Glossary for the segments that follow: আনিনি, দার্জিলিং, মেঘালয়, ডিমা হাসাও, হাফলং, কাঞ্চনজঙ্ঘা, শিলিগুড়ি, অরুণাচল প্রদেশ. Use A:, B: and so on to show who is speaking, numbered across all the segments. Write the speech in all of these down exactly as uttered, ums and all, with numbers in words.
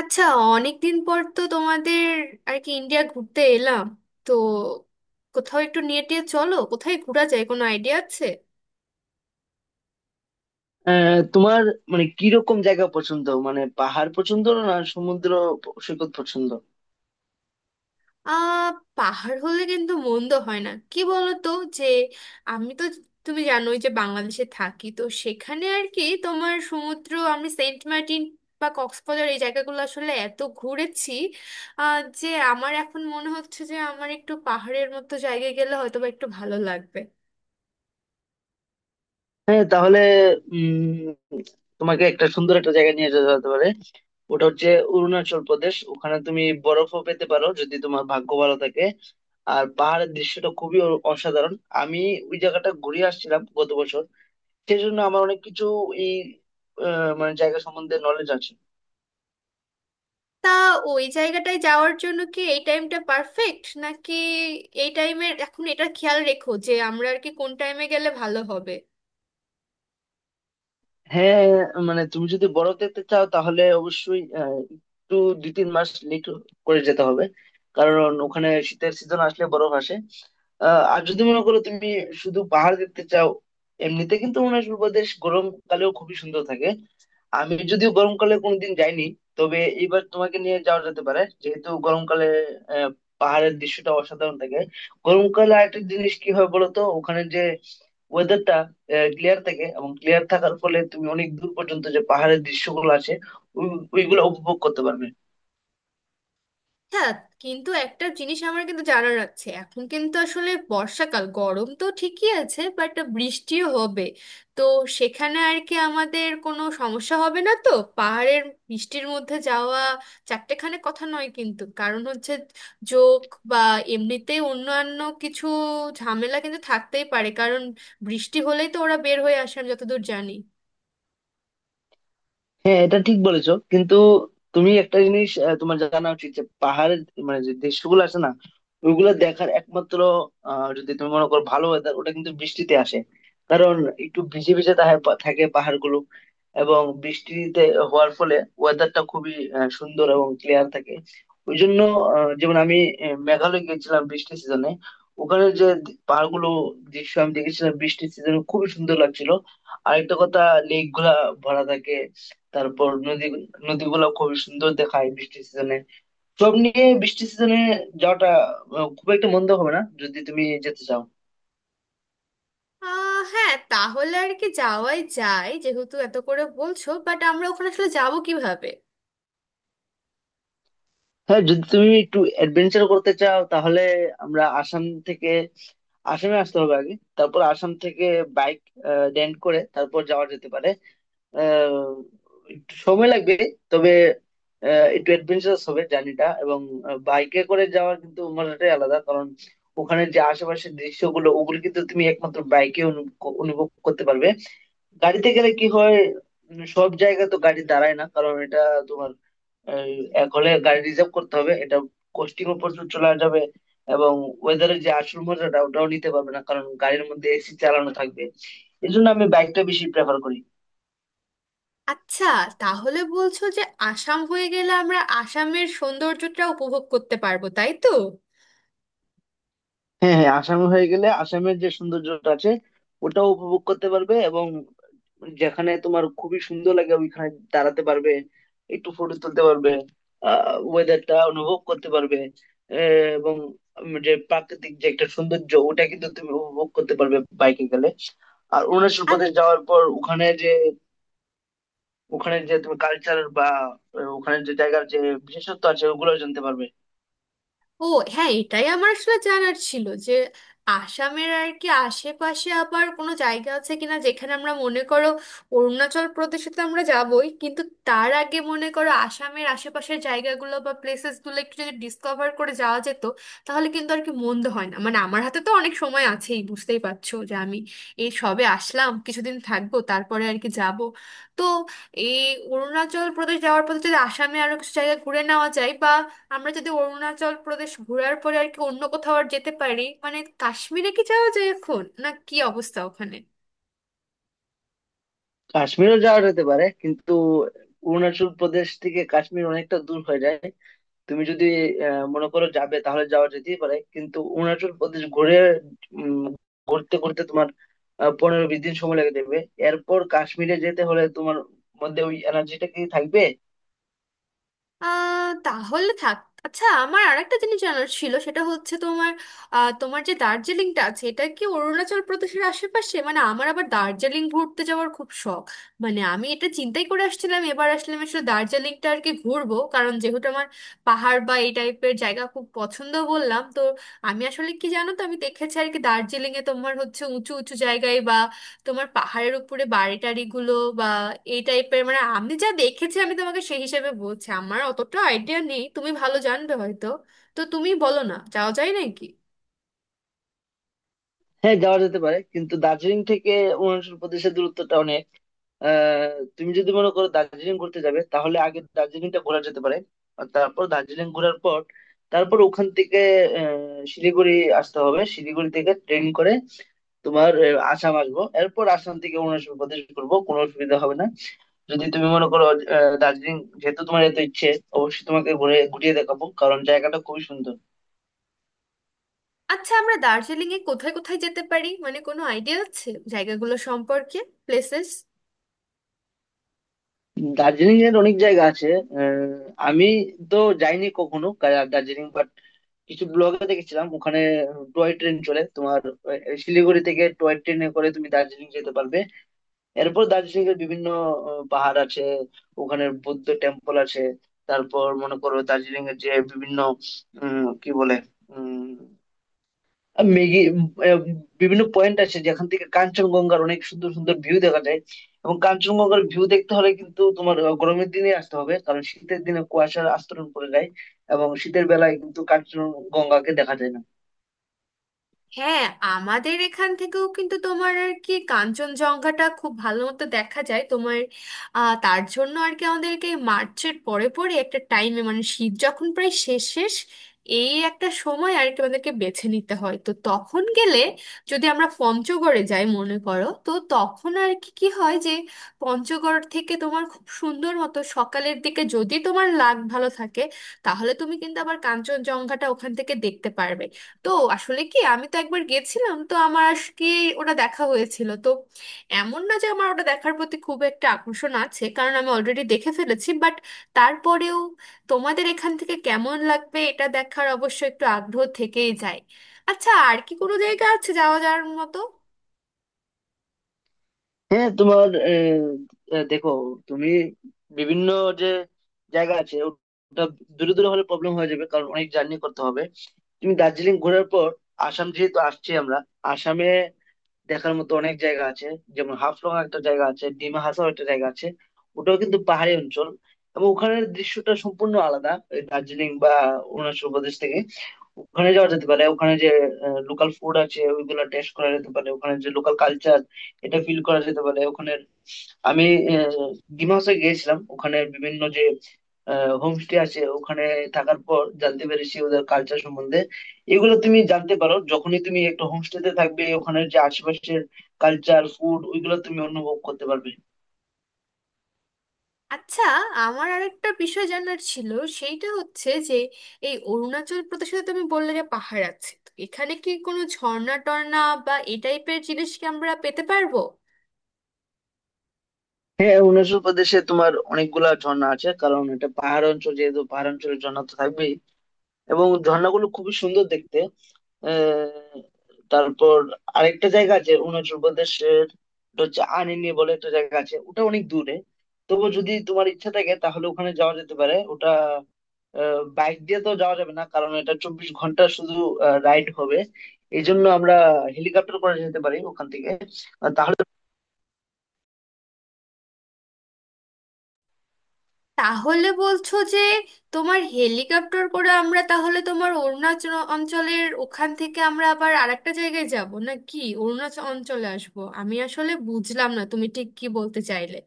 A: আচ্ছা, অনেকদিন পর তো তোমাদের আর কি ইন্ডিয়া ঘুরতে এলাম। তো কোথাও একটু নিয়ে টিয়ে চলো, কোথায় ঘোরা যায়, কোনো আইডিয়া আছে?
B: আহ, তোমার মানে কিরকম জায়গা পছন্দ? মানে পাহাড় পছন্দ না সমুদ্র প- সৈকত পছন্দ?
A: আহ পাহাড় হলে কিন্তু মন্দ হয় না, কি বলো তো? যে আমি তো, তুমি জানোই যে বাংলাদেশে থাকি, তো সেখানে আর কি তোমার সমুদ্র, আমি সেন্ট মার্টিন বা কক্সবাজার এই জায়গাগুলো আসলে এত ঘুরেছি। আহ যে আমার এখন মনে হচ্ছে যে আমার একটু পাহাড়ের মতো জায়গায় গেলে হয়তো বা একটু ভালো লাগবে।
B: হ্যাঁ, তাহলে উম তোমাকে একটা সুন্দর একটা জায়গা নিয়ে যেতে হতে পারে। ওটা হচ্ছে অরুণাচল প্রদেশ। ওখানে তুমি বরফও পেতে পারো যদি তোমার ভাগ্য ভালো থাকে। আর পাহাড়ের দৃশ্যটা খুবই অ- অসাধারণ। আমি ওই জায়গাটা ঘুরে আসছিলাম গত বছর, সেই জন্য আমার অনেক কিছু এই আহ, মানে জায়গা সম্বন্ধে নলেজ আছে।
A: তা ওই জায়গাটায় যাওয়ার জন্য কি এই টাইমটা পারফেক্ট নাকি? এই টাইমের এখন এটা খেয়াল রেখো যে আমরা আর কি কোন টাইমে গেলে ভালো হবে।
B: হ্যাঁ, মানে তুমি যদি বরফ দেখতে চাও তাহলে অবশ্যই আহ, একটু দুই তিন মাস লেট করে যেতে হবে, কারণ ওখানে শীতের সিজন আসলে বরফ আসে। আহ, আর যদি মনে করো তুমি শুধু পাহাড় দেখতে চাও, এমনিতে কিন্তু অরুণাচল প্রদেশ গরমকালেও খুবই সুন্দর থাকে। আমি যদিও গরমকালে কোনোদিন যাইনি, তবে এবার তোমাকে নিয়ে যাওয়া যেতে পারে, যেহেতু গরমকালে আহ, পাহাড়ের দৃশ্যটা অসাধারণ থাকে। গরমকালে আরেকটা জিনিস কি হয় বলো তো, ওখানে যে ওয়েদারটা ক্লিয়ার থাকে, এবং ক্লিয়ার থাকার ফলে তুমি অনেক দূর পর্যন্ত যে পাহাড়ের দৃশ্যগুলো আছে ওই- ওইগুলো উপভোগ করতে পারবে।
A: হ্যাঁ, কিন্তু একটা জিনিস আমার কিন্তু জানার আছে, এখন কিন্তু আসলে বর্ষাকাল, গরম তো ঠিকই আছে বাট বৃষ্টিও হবে। তো সেখানে আর কি আমাদের কোনো সমস্যা হবে না তো? পাহাড়ের বৃষ্টির মধ্যে যাওয়া চারটেখানে কথা নয় কিন্তু, কারণ হচ্ছে যোগ বা এমনিতে অন্যান্য কিছু ঝামেলা কিন্তু থাকতেই পারে, কারণ বৃষ্টি হলেই তো ওরা বের হয়ে আসে আমি যতদূর জানি।
B: হ্যাঁ, এটা ঠিক বলেছো, কিন্তু তুমি একটা জিনিস আহ, তোমার জানা উচিত, যে পাহাড়ের মানে যে দৃশ্যগুলো আছে না, ওইগুলো দেখার একমাত্র আহ, যদি তুমি মনে করো ভালো ওয়েদার, ওটা কিন্তু বৃষ্টিতে আসে। কারণ একটু ভিজে ভিজে থাকে, থাকে পাহাড়গুলো, এবং বৃষ্টিতে হওয়ার ফলে ওয়েদারটা খুবই আহ, সুন্দর এবং ক্লিয়ার থাকে। ওই জন্য আহ, যেমন আমি আহ, মেঘালয় গিয়েছিলাম বৃষ্টির সিজনে, ওখানে যে পাহাড়গুলো দৃশ্য আমি দেখেছিলাম বৃষ্টির সিজনে, খুবই সুন্দর লাগছিল। আরেকটা কথা, লেক গুলা ভরা থাকে, তারপর নদী, নদীগুলো খুবই সুন্দর দেখায় বৃষ্টির সিজনে। সব নিয়ে বৃষ্টির সিজনে যাওয়াটা আহ, খুব একটা মন্দ হবে না যদি তুমি যেতে চাও।
A: আহ হ্যাঁ, তাহলে আর কি যাওয়াই যায়, যেহেতু এত করে বলছো, বাট আমরা ওখানে আসলে যাবো কিভাবে?
B: হ্যাঁ, যদি তুমি একটু অ্যাডভেঞ্চার করতে চাও তাহলে আমরা আসাম থেকে, আসামে আসতে হবে আগে, তারপর আসাম থেকে বাইক রেন্ট করে তারপর যাওয়া যেতে পারে। আহ, একটু সময় লাগবে, তবে আহ, একটু অ্যাডভেঞ্চারাস হবে জার্নিটা, এবং বাইকে করে যাওয়ার কিন্তু মজাটাই আলাদা। কারণ ওখানে যে আশেপাশের দৃশ্যগুলো, ওগুলো কিন্তু তুমি একমাত্র বাইকে অনুভব করতে পারবে। গাড়িতে গেলে কি হয়, উম, সব জায়গায় তো গাড়ি দাঁড়ায় না, কারণ এটা তোমার আহ, এক হলে গাড়ি রিজার্ভ করতে হবে, এটা কস্টিংও প্রচুর চলে যাবে, এবং ওয়েদারের যে আসল মজাটা ওটাও নিতে পারবে না, কারণ গাড়ির মধ্যে এসি চালানো থাকবে। এই জন্য আমি বাইকটা বেশি প্রেফার করি।
A: আচ্ছা, তাহলে বলছো যে আসাম হয়ে গেলে আমরা আসামের সৌন্দর্যটা উপভোগ করতে পারবো, তাই তো?
B: হ্যাঁ, হ্যাঁ, আসামে হয়ে গেলে আসামের যে সৌন্দর্যটা আছে ওটাও উপভোগ করতে পারবে, এবং যেখানে তোমার খুবই সুন্দর লাগে ওইখানে দাঁড়াতে পারবে, একটু ফটো তুলতে পারবে, আহ ওয়েদারটা অনুভব করতে পারবে। আহ, এবং উম যে প্রাকৃতিক যে একটা সৌন্দর্য ওটা কিন্তু তুমি উপভোগ করতে পারবে বাইকে গেলে। আর অরুণাচল প্রদেশ যাওয়ার পর ওখানে যে, ওখানে যে তুমি কালচার বা আহ, ওখানে যে জায়গার যে বিশেষত্ব আছে ওগুলো জানতে পারবে।
A: ও হ্যাঁ, এটাই আমার আসলে জানার ছিল যে আসামের আর কি আশেপাশে আবার কোনো জায়গা আছে কিনা যেখানে আমরা, মনে করো, অরুণাচল প্রদেশে তো আমরা যাবই, কিন্তু তার আগে মনে করো আসামের আশেপাশের জায়গাগুলো বা প্লেসেসগুলো একটু যদি ডিসকভার করে যাওয়া যেত, তাহলে কিন্তু আর কি মন্দ হয় না। মানে আমার হাতে তো অনেক সময় আছেই, বুঝতেই পারছো যে আমি এই সবে আসলাম, কিছুদিন থাকবো তারপরে আর কি যাব। তো এই অরুণাচল প্রদেশ যাওয়ার পথে যদি আসামে আরো কিছু জায়গা ঘুরে নেওয়া যায়, আমরা যদি অরুণাচল প্রদেশ ঘোরার পরে আর কি অন্য কোথাও আর যেতে পারি, মানে কাশ্মীরে কি যাওয়া যায় এখন, না কি অবস্থা ওখানে?
B: কাশ্মীরও যাওয়া যেতে পারে, কিন্তু অরুণাচল প্রদেশ থেকে কাশ্মীর অনেকটা দূর হয়ে যায়। তুমি যদি আহ, মনে করো যাবে তাহলে যাওয়া যেতেই পারে, কিন্তু অরুণাচল প্রদেশ ঘুরে উম, ঘুরতে ঘুরতে তোমার আহ, পনেরো বিশ দিন সময় লেগে যাবে। এরপর কাশ্মীরে যেতে হলে তোমার মধ্যে ওই এনার্জিটা কি থাকবে?
A: আহ, তাহলে থাক। আচ্ছা, আমার আরেকটা জিনিস জানার ছিল, সেটা হচ্ছে তোমার আহ, তোমার যে দার্জিলিংটা আছে এটা কি অরুণাচল প্রদেশের আশেপাশে? মানে আমার আবার দার্জিলিং ঘুরতে যাওয়ার খুব শখ। মানে আমি এটা চিন্তাই করে আসছিলাম এবার আসলে আমি আসলে দার্জিলিংটা আর কি ঘুরবো, কারণ যেহেতু আমার পাহাড় বা এই টাইপের জায়গা খুব পছন্দ, বললাম তো। আমি আসলে কি জানো তো, আমি দেখেছি আর কি দার্জিলিংয়ে তোমার হচ্ছে উঁচু উঁচু জায়গায় বা তোমার পাহাড়ের উপরে বাড়ি টাড়ি গুলো বা এই টাইপের, মানে আমি যা দেখেছি আমি তোমাকে সেই হিসেবে বলছি, আমার অতটা আইডিয়া নেই, তুমি ভালো জানবে হয়তো। তো তুমি বলো না, যাওয়া যায় নাকি?
B: হ্যাঁ, যাওয়া যেতে পারে, কিন্তু দার্জিলিং থেকে অরুণাচল প্রদেশের দূরত্বটা অনেক। আহ, তুমি যদি মনে করো দার্জিলিং ঘুরতে যাবে তাহলে আগে দার্জিলিংটা ঘোরা যেতে পারে। আর তারপর দার্জিলিং ঘোরার পর, তারপর ওখান থেকে আহ, শিলিগুড়ি আসতে হবে। শিলিগুড়ি থেকে ট্রেন করে তোমার আহ, আসাম আসবো, এরপর আসাম থেকে অরুণাচল প্রদেশ ঘুরবো, কোনো অসুবিধা হবে না। যদি তুমি মনে করো আহ, দার্জিলিং, যেহেতু তোমার এত ইচ্ছে, অবশ্যই তোমাকে ঘুরে ঘুরিয়ে দেখাবো, কারণ জায়গাটা খুবই সুন্দর।
A: আচ্ছা, আমরা দার্জিলিং এ কোথায় কোথায় যেতে পারি, মানে কোনো আইডিয়া আছে জায়গাগুলো সম্পর্কে, প্লেসেস?
B: দার্জিলিং এর অনেক জায়গা আছে। আহ, আমি তো যাইনি কখনো কা- দার্জিলিং, বাট কিছু ব্লগে দেখেছিলাম, ওখানে টয় ট্রেন চলে তোমার। আহ, শিলিগুড়ি থেকে টয় ট্রেনে করে তুমি দার্জিলিং যেতে পারবে। এরপর দার্জিলিং এর বিভিন্ন আহ, পাহাড় আছে, ওখানে বৌদ্ধ টেম্পল আছে। তারপর মনে করো দার্জিলিং এর যে বিভিন্ন উম কি বলে, আর মেঘে উম, আহ, বিভিন্ন পয়েন্ট আছে যেখান থেকে কাঞ্চনজঙ্ঘার অনেক সুন্দর সুন্দর ভিউ দেখা যায়। এবং কাঞ্চনজঙ্ঘার ভিউ দেখতে হলে কিন্তু তোমার আহ, গরমের দিনে আসতে হবে, কারণ শীতের দিনে কুয়াশার আস্তরণ পড়ে যায়, এবং শীতের বেলায় কিন্তু কাঞ্চনজঙ্ঘাকে দেখা যায় না।
A: হ্যাঁ, আমাদের এখান থেকেও কিন্তু তোমার আর কি কাঞ্চনজঙ্ঘাটা খুব ভালো মতো দেখা যায় তোমার। আহ, তার জন্য আর কি আমাদেরকে মার্চের পরে পরে একটা টাইমে, মানে শীত যখন প্রায় শেষ শেষ, এই একটা সময় আর কি আমাদেরকে বেছে নিতে হয়। তো তখন গেলে, যদি আমরা পঞ্চগড়ে যাই মনে করো, তো তখন আর কি কি হয় যে পঞ্চগড় থেকে তোমার খুব সুন্দর মতো সকালের দিকে, যদি তোমার লাক ভালো থাকে, তাহলে তুমি কিন্তু আবার কাঞ্চনজঙ্ঘাটা ওখান থেকে দেখতে পারবে। তো আসলে কি, আমি তো একবার গেছিলাম তো আমার আজকে ওটা দেখা হয়েছিল, তো এমন না যে আমার ওটা দেখার প্রতি খুব একটা আকর্ষণ আছে, কারণ আমি অলরেডি দেখে ফেলেছি, বাট তারপরেও তোমাদের এখান থেকে কেমন লাগবে এটা দেখার অবশ্য একটু আগ্রহ থেকেই যায়। আচ্ছা, আর কি কোনো জায়গা আছে যাওয়া যাওয়ার মতো?
B: হ্যাঁ, তোমার আহ, আহ, দেখো, তুমি বিভিন্ন যে জায়গা আছে ওটা দূরে দূরে হলে প্রবলেম হয়ে যাবে, কারণ অনেক জার্নি করতে হবে। তুমি দার্জিলিং ঘোরার পর, আসাম যেহেতু আসছি আমরা, আসামে দেখার মতো অনেক জায়গা আছে। যেমন হাফলং একটা জায়গা আছে, ডিমা হাসাও একটা জায়গা আছে, ওটাও কিন্তু পাহাড়ি অঞ্চল, এবং ওখানের দৃশ্যটা সম্পূর্ণ আলাদা এই দার্জিলিং বা অরুণাচল প্রদেশ থেকে। ওখানে যাওয়া যেতে পারে, ওখানে যে লোকাল ফুড আছে ওইগুলো টেস্ট করা যেতে পারে, ওখানে যে লোকাল কালচার, এটা ফিল করা যেতে পারে। ওখানে আমি আহ, ডিমা হাসাও গিয়েছিলাম, ওখানে বিভিন্ন যে হোমস্টে আছে, ওখানে থাকার পর জানতে পেরেছি ওদের কালচার সম্বন্ধে। এগুলো তুমি জানতে পারো যখনই তুমি একটা হোমস্টেতে থাকবে, ওখানে যে আশেপাশের কালচার, ফুড, ওইগুলো তুমি অনুভব করতে পারবে।
A: আচ্ছা, আমার আরেকটা বিষয় জানার ছিল, সেইটা হচ্ছে যে এই অরুণাচল প্রদেশে তো তুমি বললে যে পাহাড় আছে, তো এখানে কি কোনো ঝর্ণা টর্ণা বা এই টাইপের জিনিস কি আমরা পেতে পারবো?
B: হ্যাঁ, অরুণাচল প্রদেশে তোমার অনেকগুলা ঝর্ণা আছে, কারণ এটা পাহাড় অঞ্চল, যেহেতু পাহাড় অঞ্চলের ঝর্ণা তো থাকবেই। এবং ঝর্ণাগুলো খুবই সুন্দর দেখতে। আহ, তারপর আরেকটা জায়গা আছে অরুণাচল প্রদেশের, এটা হচ্ছে আনিনি বলে একটা জায়গা আছে, ওটা অনেক দূরে। তবু যদি তোমার ইচ্ছা থাকে তাহলে ওখানে যাওয়া যেতে পারে। ওটা বাইক দিয়ে তো যাওয়া যাবে না, কারণ এটা চব্বিশ ঘন্টা শুধু রাইড হবে। এই জন্য আমরা হেলিকপ্টার করে যেতে পারি ওখান থেকে, আর তাহলে।
A: তাহলে বলছো যে তোমার হেলিকপ্টার করে আমরা তাহলে তোমার অরুণাচল অঞ্চলের ওখান থেকে আমরা আবার আরেকটা জায়গায় যাব, না কি অরুণাচল অঞ্চলে আসবো? আমি আসলে বুঝলাম না তুমি ঠিক কি বলতে চাইলে।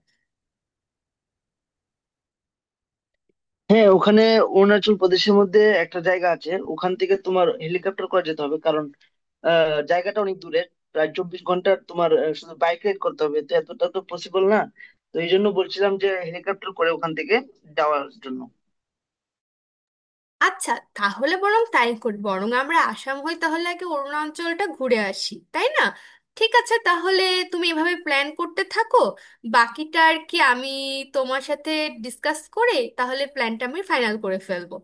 B: হ্যাঁ, ওখানে অরুণাচল প্রদেশের মধ্যে একটা জায়গা আছে, ওখান থেকে তোমার হেলিকপ্টার করে যেতে হবে, কারণ আহ, জায়গাটা অনেক দূরের, প্রায় চব্বিশ ঘন্টা তোমার আহ, শুধু বাইক রাইড করতে হবে, তো এতটা তো পসিবল না। তো এই জন্য বলছিলাম যে হেলিকপ্টার করে ওখান থেকে যাওয়ার জন্য।
A: আচ্ছা, তাহলে বরং তাই করি, বরং আমরা আসাম হয়ে তাহলে আগে অরুণাচলটা ঘুরে আসি, তাই না? ঠিক আছে তাহলে, তুমি এভাবে প্ল্যান করতে থাকো, বাকিটা আর কি আমি তোমার সাথে ডিসকাস করে তাহলে প্ল্যানটা আমি ফাইনাল করে ফেলবো।